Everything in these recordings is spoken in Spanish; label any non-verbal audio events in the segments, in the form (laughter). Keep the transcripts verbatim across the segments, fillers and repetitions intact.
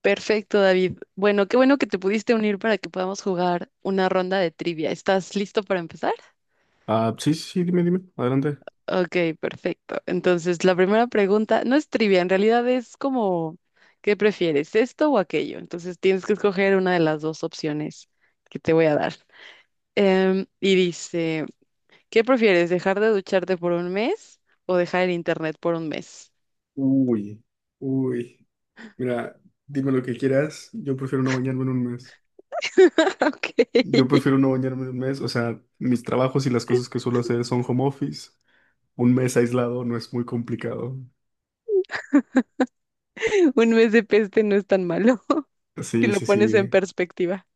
Perfecto, David. Bueno, qué bueno que te pudiste unir para que podamos jugar una ronda de trivia. ¿Estás listo para empezar? Ah, sí, sí, sí, dime, dime, adelante. Ok, perfecto. Entonces, la primera pregunta no es trivia, en realidad es como, ¿qué prefieres, esto o aquello? Entonces, tienes que escoger una de las dos opciones que te voy a dar. Em, y dice, ¿qué prefieres, dejar de ducharte por un mes o dejar el internet por un mes? Uy, uy. Mira, dime lo que quieras. Yo prefiero no bañarme en un mes. (laughs) Ok, Yo (laughs) prefiero no bañarme en un mes. O sea, mis trabajos y las cosas que suelo hacer son home office. Un mes aislado no es muy complicado. un mes de peste no es tan malo (laughs) si Sí, lo sí, pones en sí. perspectiva.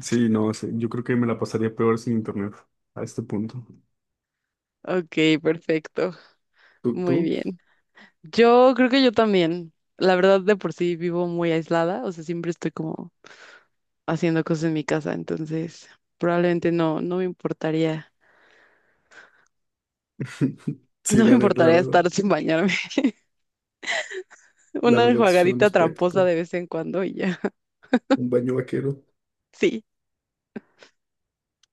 Sí, no, sí, yo creo que me la pasaría peor sin internet a este punto. Ok, perfecto. ¿Tú, Muy tú? bien. Yo creo que yo también. La verdad, de por sí vivo muy aislada, o sea, siempre estoy como haciendo cosas en mi casa, entonces probablemente no, no me importaría, (laughs) (laughs) Sí, no me la neta, la importaría verdad. estar sin bañarme. (laughs) La Una verdad, sí suena más enjuagadita tramposa práctico. de vez en cuando y ya. (laughs) Un baño vaquero. Sí,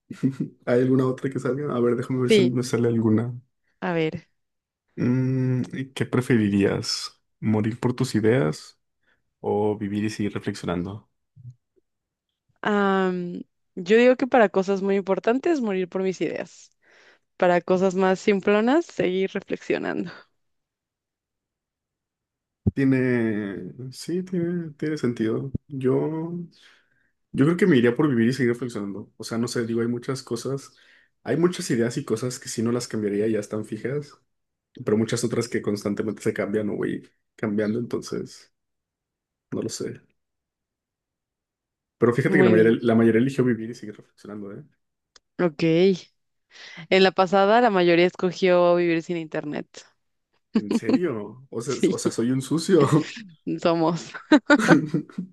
(laughs) ¿Hay alguna otra que salga? A ver, déjame ver si sí. me sale alguna. A ver. Mm, ¿y qué preferirías? ¿Morir por tus ideas o vivir y seguir reflexionando? am, yo digo que para cosas muy importantes, morir por mis ideas. Para cosas más simplonas, seguir reflexionando. Tiene, sí, tiene, tiene sentido. Yo, yo creo que me iría por vivir y seguir reflexionando. O sea, no sé, digo, hay muchas cosas, hay muchas ideas y cosas que si no las cambiaría ya están fijas, pero muchas otras que constantemente se cambian o voy cambiando, entonces, no lo sé. Pero fíjate que la Muy mayoría, bien. la mayoría eligió vivir y seguir reflexionando, ¿eh? Ok. En la pasada, la mayoría escogió vivir sin internet. ¿En serio? O sea, (laughs) o sea, Sí. soy un sucio. Somos. (laughs) (laughs)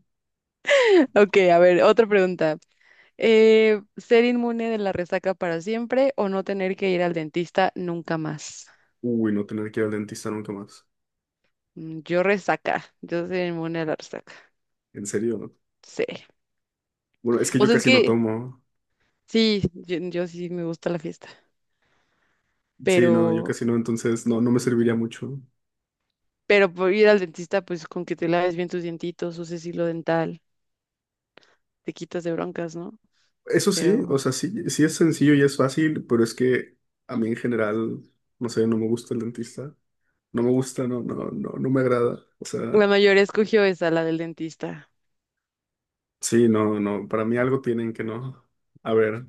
Ok, a ver, otra pregunta. Eh, ¿ser inmune de la resaca para siempre o no tener que ir al dentista nunca más? Uy, no tener que ir al dentista nunca más. Mm, yo resaca, yo soy inmune a la resaca. En serio, ¿no? Sí. Bueno, es que O yo sea, es casi no que tomo. sí, yo, yo sí me gusta la fiesta, Sí, no, yo pero, casi no, entonces no, no me serviría mucho. pero por ir al dentista, pues con que te laves bien tus dientitos, uses hilo dental, te quitas de broncas, ¿no? Eso sí, Pero o sea, sí, sí es sencillo y es fácil, pero es que a mí en general, no sé, no me gusta el dentista. No me gusta, no, no, no, no me agrada. O la sea, mayoría escogió esa, la del dentista. sí, no, no, para mí algo tienen que no. A ver,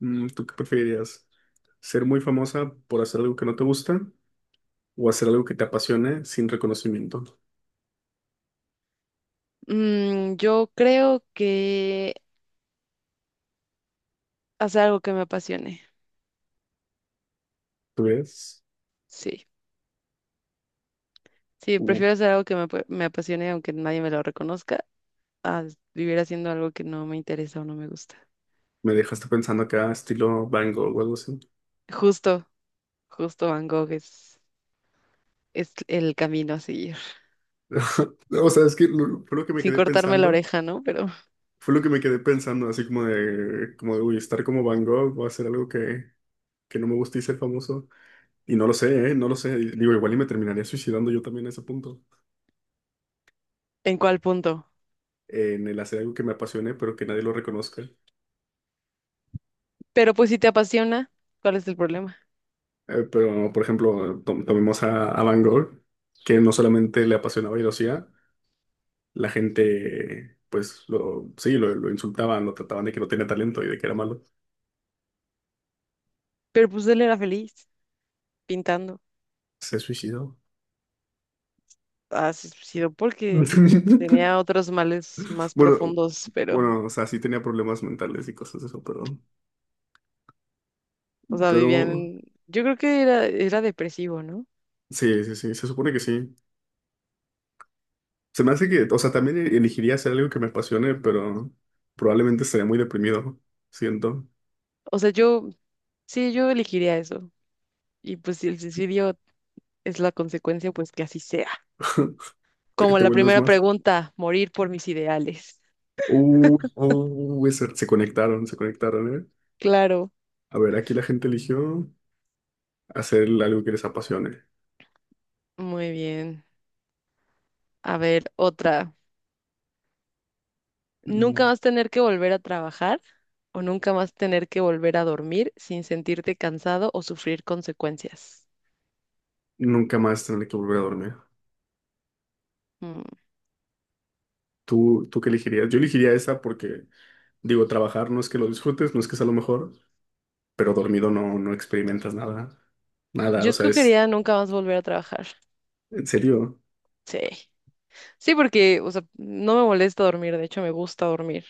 mm, ¿tú qué preferirías? ¿Ser muy famosa por hacer algo que no te gusta o hacer algo que te apasione sin reconocimiento? Mm, yo creo que hacer algo que me apasione. ¿Tú ves? Sí. Sí, Uh, prefiero hacer algo que me, apue- me apasione aunque nadie me lo reconozca, a vivir haciendo algo que no me interesa o no me gusta. Me dejaste pensando acá, estilo Van Gogh o algo así. Justo, justo Van Gogh es, es el camino a seguir. (laughs) O sea, es que lo- fue lo que me Sin quedé cortarme la pensando. oreja, ¿no? Pero Fue lo que me quedé pensando, así como de, como de, uy, estar como Van Gogh o hacer algo que, que no me guste y ser famoso. Y no lo sé, ¿eh? No lo sé. Y digo, igual y me terminaría suicidando yo también a ese punto. ¿en cuál punto? En el hacer algo que me apasione, pero que nadie lo reconozca. Pero pues si te apasiona, ¿cuál es el problema? Eh, pero, por ejemplo, tom- tomemos a, a Van Gogh, que no solamente le apasionaba y lo hacía, la gente, pues, lo, sí, lo, lo insultaban, lo trataban de que no tenía talento y de que era malo. Pero pues él era feliz pintando. Se suicidó. Ha sido porque (laughs) tenía otros males más Bueno, profundos, pero, bueno, o sea, sí tenía problemas mentales y cosas de eso, pero, o sea, pero vivían... Yo creo que era, era depresivo, ¿no? sí, sí, sí, se supone que sí. Se me hace que, o sea, también elegiría hacer algo que me apasione, pero probablemente estaría muy deprimido. Siento, O sea, yo, sí, yo elegiría eso. Y pues si el suicidio es la consecuencia, pues que así sea. te, Como te la vuelves primera más. pregunta, morir por mis ideales. Uh, uh, ese- se conectaron, se conectaron, ¿eh? Claro, A ver, aquí la gente eligió hacer algo que les apasione. muy bien. A ver, otra. ¿Nunca Mm, vas a tener que volver a trabajar o nunca vas a tener que volver a dormir sin sentirte cansado o sufrir consecuencias? Nunca más tener que volver a dormir. Mm, ¿Tú, tú qué elegirías? Yo elegiría esa porque digo, trabajar no es que lo disfrutes, no es que sea lo mejor, pero dormido no, no experimentas nada. Nada, yo o sea, es escogería nunca más volver a trabajar. en serio. Sí. Sí, porque, o sea, no me molesta dormir, de hecho me gusta dormir.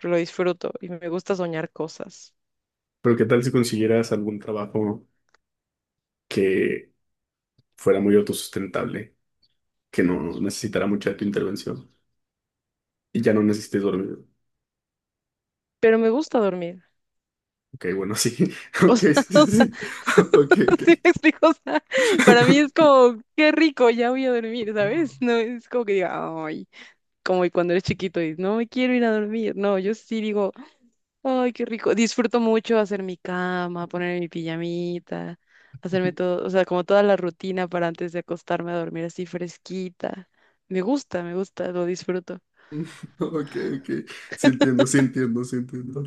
Lo disfruto y me gusta soñar cosas. Pero ¿qué tal si consiguieras algún trabajo que fuera muy autosustentable, que no necesitara mucha de tu intervención y ya no necesites dormir? Pero me gusta dormir. Ok, bueno, sí. (laughs) O Ok, sea, (laughs) sí, sí, o sea, sí. (laughs) Ok, (laughs) ok. ¿sí me explico? O sea, para mí es (laughs) como, qué rico, ya voy a dormir, ¿sabes? No es como que diga, ay, como cuando eres chiquito y no me quiero ir a dormir. No, yo sí digo, ay, qué rico. Disfruto mucho hacer mi cama, poner mi pijamita, hacerme todo, o sea, como toda la rutina para antes de acostarme a dormir así fresquita. Me gusta, me gusta, lo disfruto. Ok, ok. Sí entiendo, sí entiendo, sí entiendo.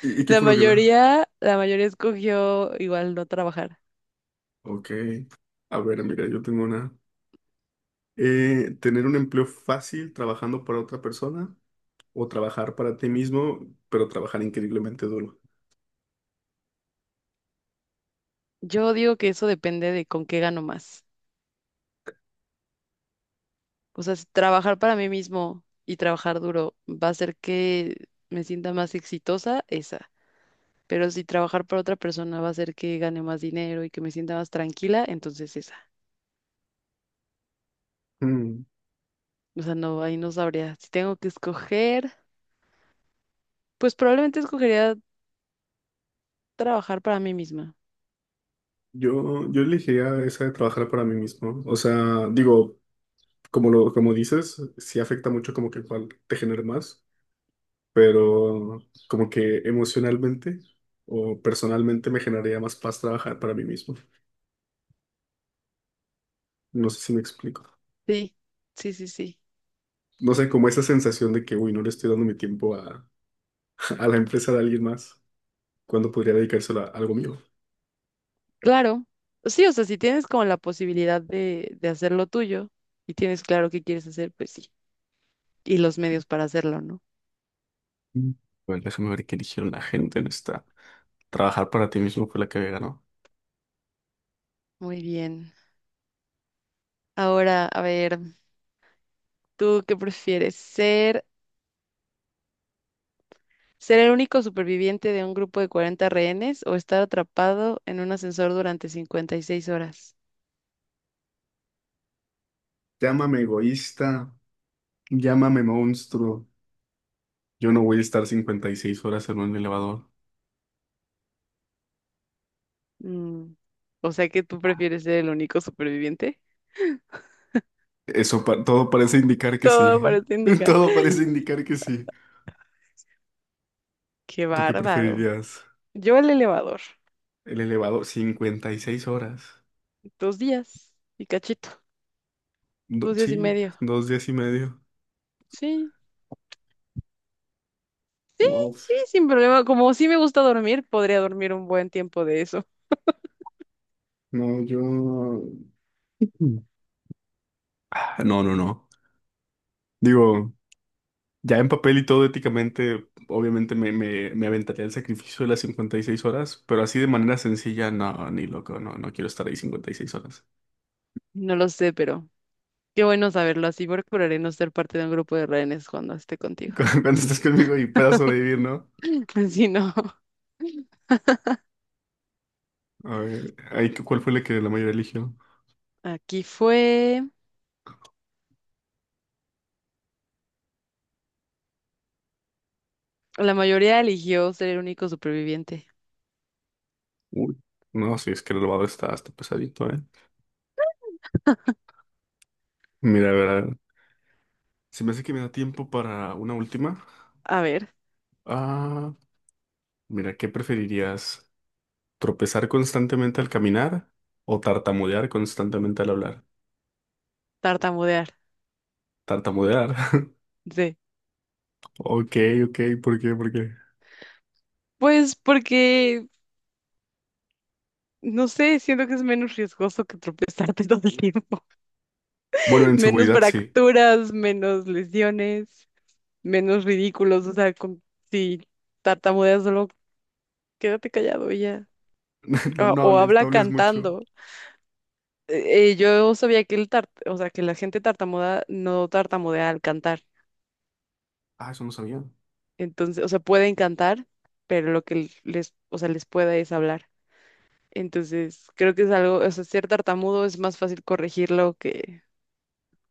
¿Y, y qué La fue lo que la...? mayoría, la mayoría escogió igual no trabajar. Ok. A ver, mira, yo tengo una... Eh, tener un empleo fácil trabajando para otra persona o trabajar para ti mismo, pero trabajar increíblemente duro. Yo digo que eso depende de con qué gano más. O sea, si trabajar para mí mismo y trabajar duro va a hacer que me sienta más exitosa, esa. Pero si trabajar para otra persona va a hacer que gane más dinero y que me sienta más tranquila, entonces esa. Mm, O sea, no, ahí no sabría. Si tengo que escoger, pues probablemente escogería trabajar para mí misma. Yo, yo elegiría esa de trabajar para mí mismo. O sea, digo, como lo, como dices, sí afecta mucho como que cuál te genere más, pero como que emocionalmente o personalmente me generaría más paz trabajar para mí mismo. No sé si me explico. Sí, sí, sí, sí. No sé, como esa sensación de que, uy, no le estoy dando mi tiempo a, (laughs) a la empresa de alguien más, cuando podría dedicárselo a algo mío. Claro. Sí, o sea, si tienes como la posibilidad de, de hacer lo tuyo y tienes claro qué quieres hacer, pues sí. Y los medios para hacerlo, ¿no? Mm. Bueno, déjame ver qué eligieron la gente en esta. Trabajar para ti mismo fue la que había ganado. Muy bien. Ahora, a ver. ¿Tú qué prefieres? ¿Ser, ¿ser el único superviviente de un grupo de cuarenta rehenes o estar atrapado en un ascensor durante cincuenta y seis horas? Llámame egoísta, llámame monstruo. Yo no voy a estar cincuenta y seis horas en un elevador. Mm, o sea que tú prefieres ser el único superviviente. Eso pa- todo parece indicar que sí. Todo parece (laughs) indicar. (gasps) Todo parece (laughs) indicar que sí. Qué ¿Tú qué bárbaro. preferirías? Yo el elevador. El elevador, cincuenta y seis horas. Dos días y cachito. Do- Dos días y sí, medio. dos días y medio. Sí, No, sí, sin problema. Como sí me gusta dormir, podría dormir un buen tiempo de eso. no, yo... Mm. Ah, no, no, no. Digo. Ya en papel y todo éticamente, obviamente me, me, me aventaría el sacrificio de las cincuenta y seis horas, pero así de manera sencilla, no, ni loco, no, no quiero estar ahí cincuenta y seis horas. No lo sé, pero qué bueno saberlo. Así procuraré no ser parte de un grupo de rehenes cuando esté (laughs) contigo. Cuando cuando estés conmigo y puedas sobrevivir, ¿no? (laughs) Si no, A ver, ahí, ¿cu- ¿cuál fue la que la mayoría eligió? aquí fue. La mayoría eligió ser el único superviviente. Uy. No, sí, es que el robado está, está pesadito, ¿eh? Mira, a ver, a ver, se me hace que me da tiempo para una última. A ver, Ah, mira, ¿qué preferirías? ¿Tropezar constantemente al caminar o tartamudear constantemente al hablar? tartamudear. Tartamudear. (laughs) Sí. Ok, ok, ¿por qué? ¿Por qué? Pues porque, no sé, siento que es menos riesgoso que tropezarte (laughs) todo el tiempo. Bueno, (laughs) en Menos seguridad sí. fracturas, menos lesiones, menos ridículos. O sea, con- si tartamudeas solo quédate callado y ya. (laughs) No, O, no o hables, no habla hables mucho. cantando. Eh, eh, yo sabía que el tart, o sea, que la gente tartamuda no tartamudea al cantar. Ah, eso no sabía. Entonces, o sea, pueden cantar, pero lo que les, o sea, les pueda es hablar. Entonces, creo que es algo, o sea, ser tartamudo es más fácil corregirlo que,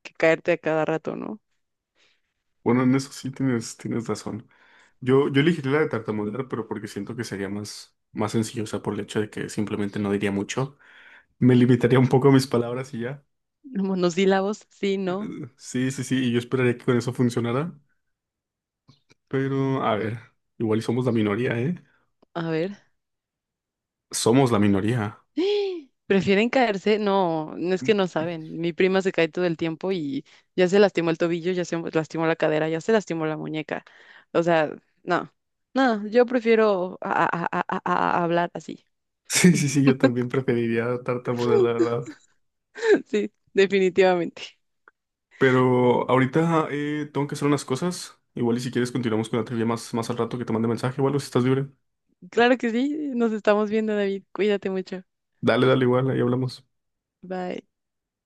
que caerte a cada rato, ¿no? Bueno, en eso sí tienes, tienes razón. Yo, yo elegiría la de tartamudear, pero porque siento que sería más, más sencillo, o sea, por el hecho de que simplemente no diría mucho. Me limitaría un poco a mis palabras y ya. Monosílabos, sí, no. Eh, Sí, sí, sí, y yo esperaría que con eso funcionara. Pero, a ver, igual y somos la minoría, ¿eh? A ver. Somos la minoría. (gasps) ¿Prefieren caerse? No, no es que no (laughs) saben. Mi prima se cae todo el tiempo y ya se lastimó el tobillo, ya se lastimó la cadera, ya se lastimó la muñeca. O sea, no, no, yo prefiero a- a- a- a- a- a hablar así. Sí, sí, sí, (laughs) yo también preferiría tartamudear, la verdad. Sí, definitivamente. Pero ahorita eh, tengo que hacer unas cosas. Igual y si quieres continuamos con la trivia más, más al rato que te mande mensaje o algo si estás libre. Claro que sí, nos estamos viendo, David. Cuídate mucho. Dale, dale igual, ahí hablamos. Bye.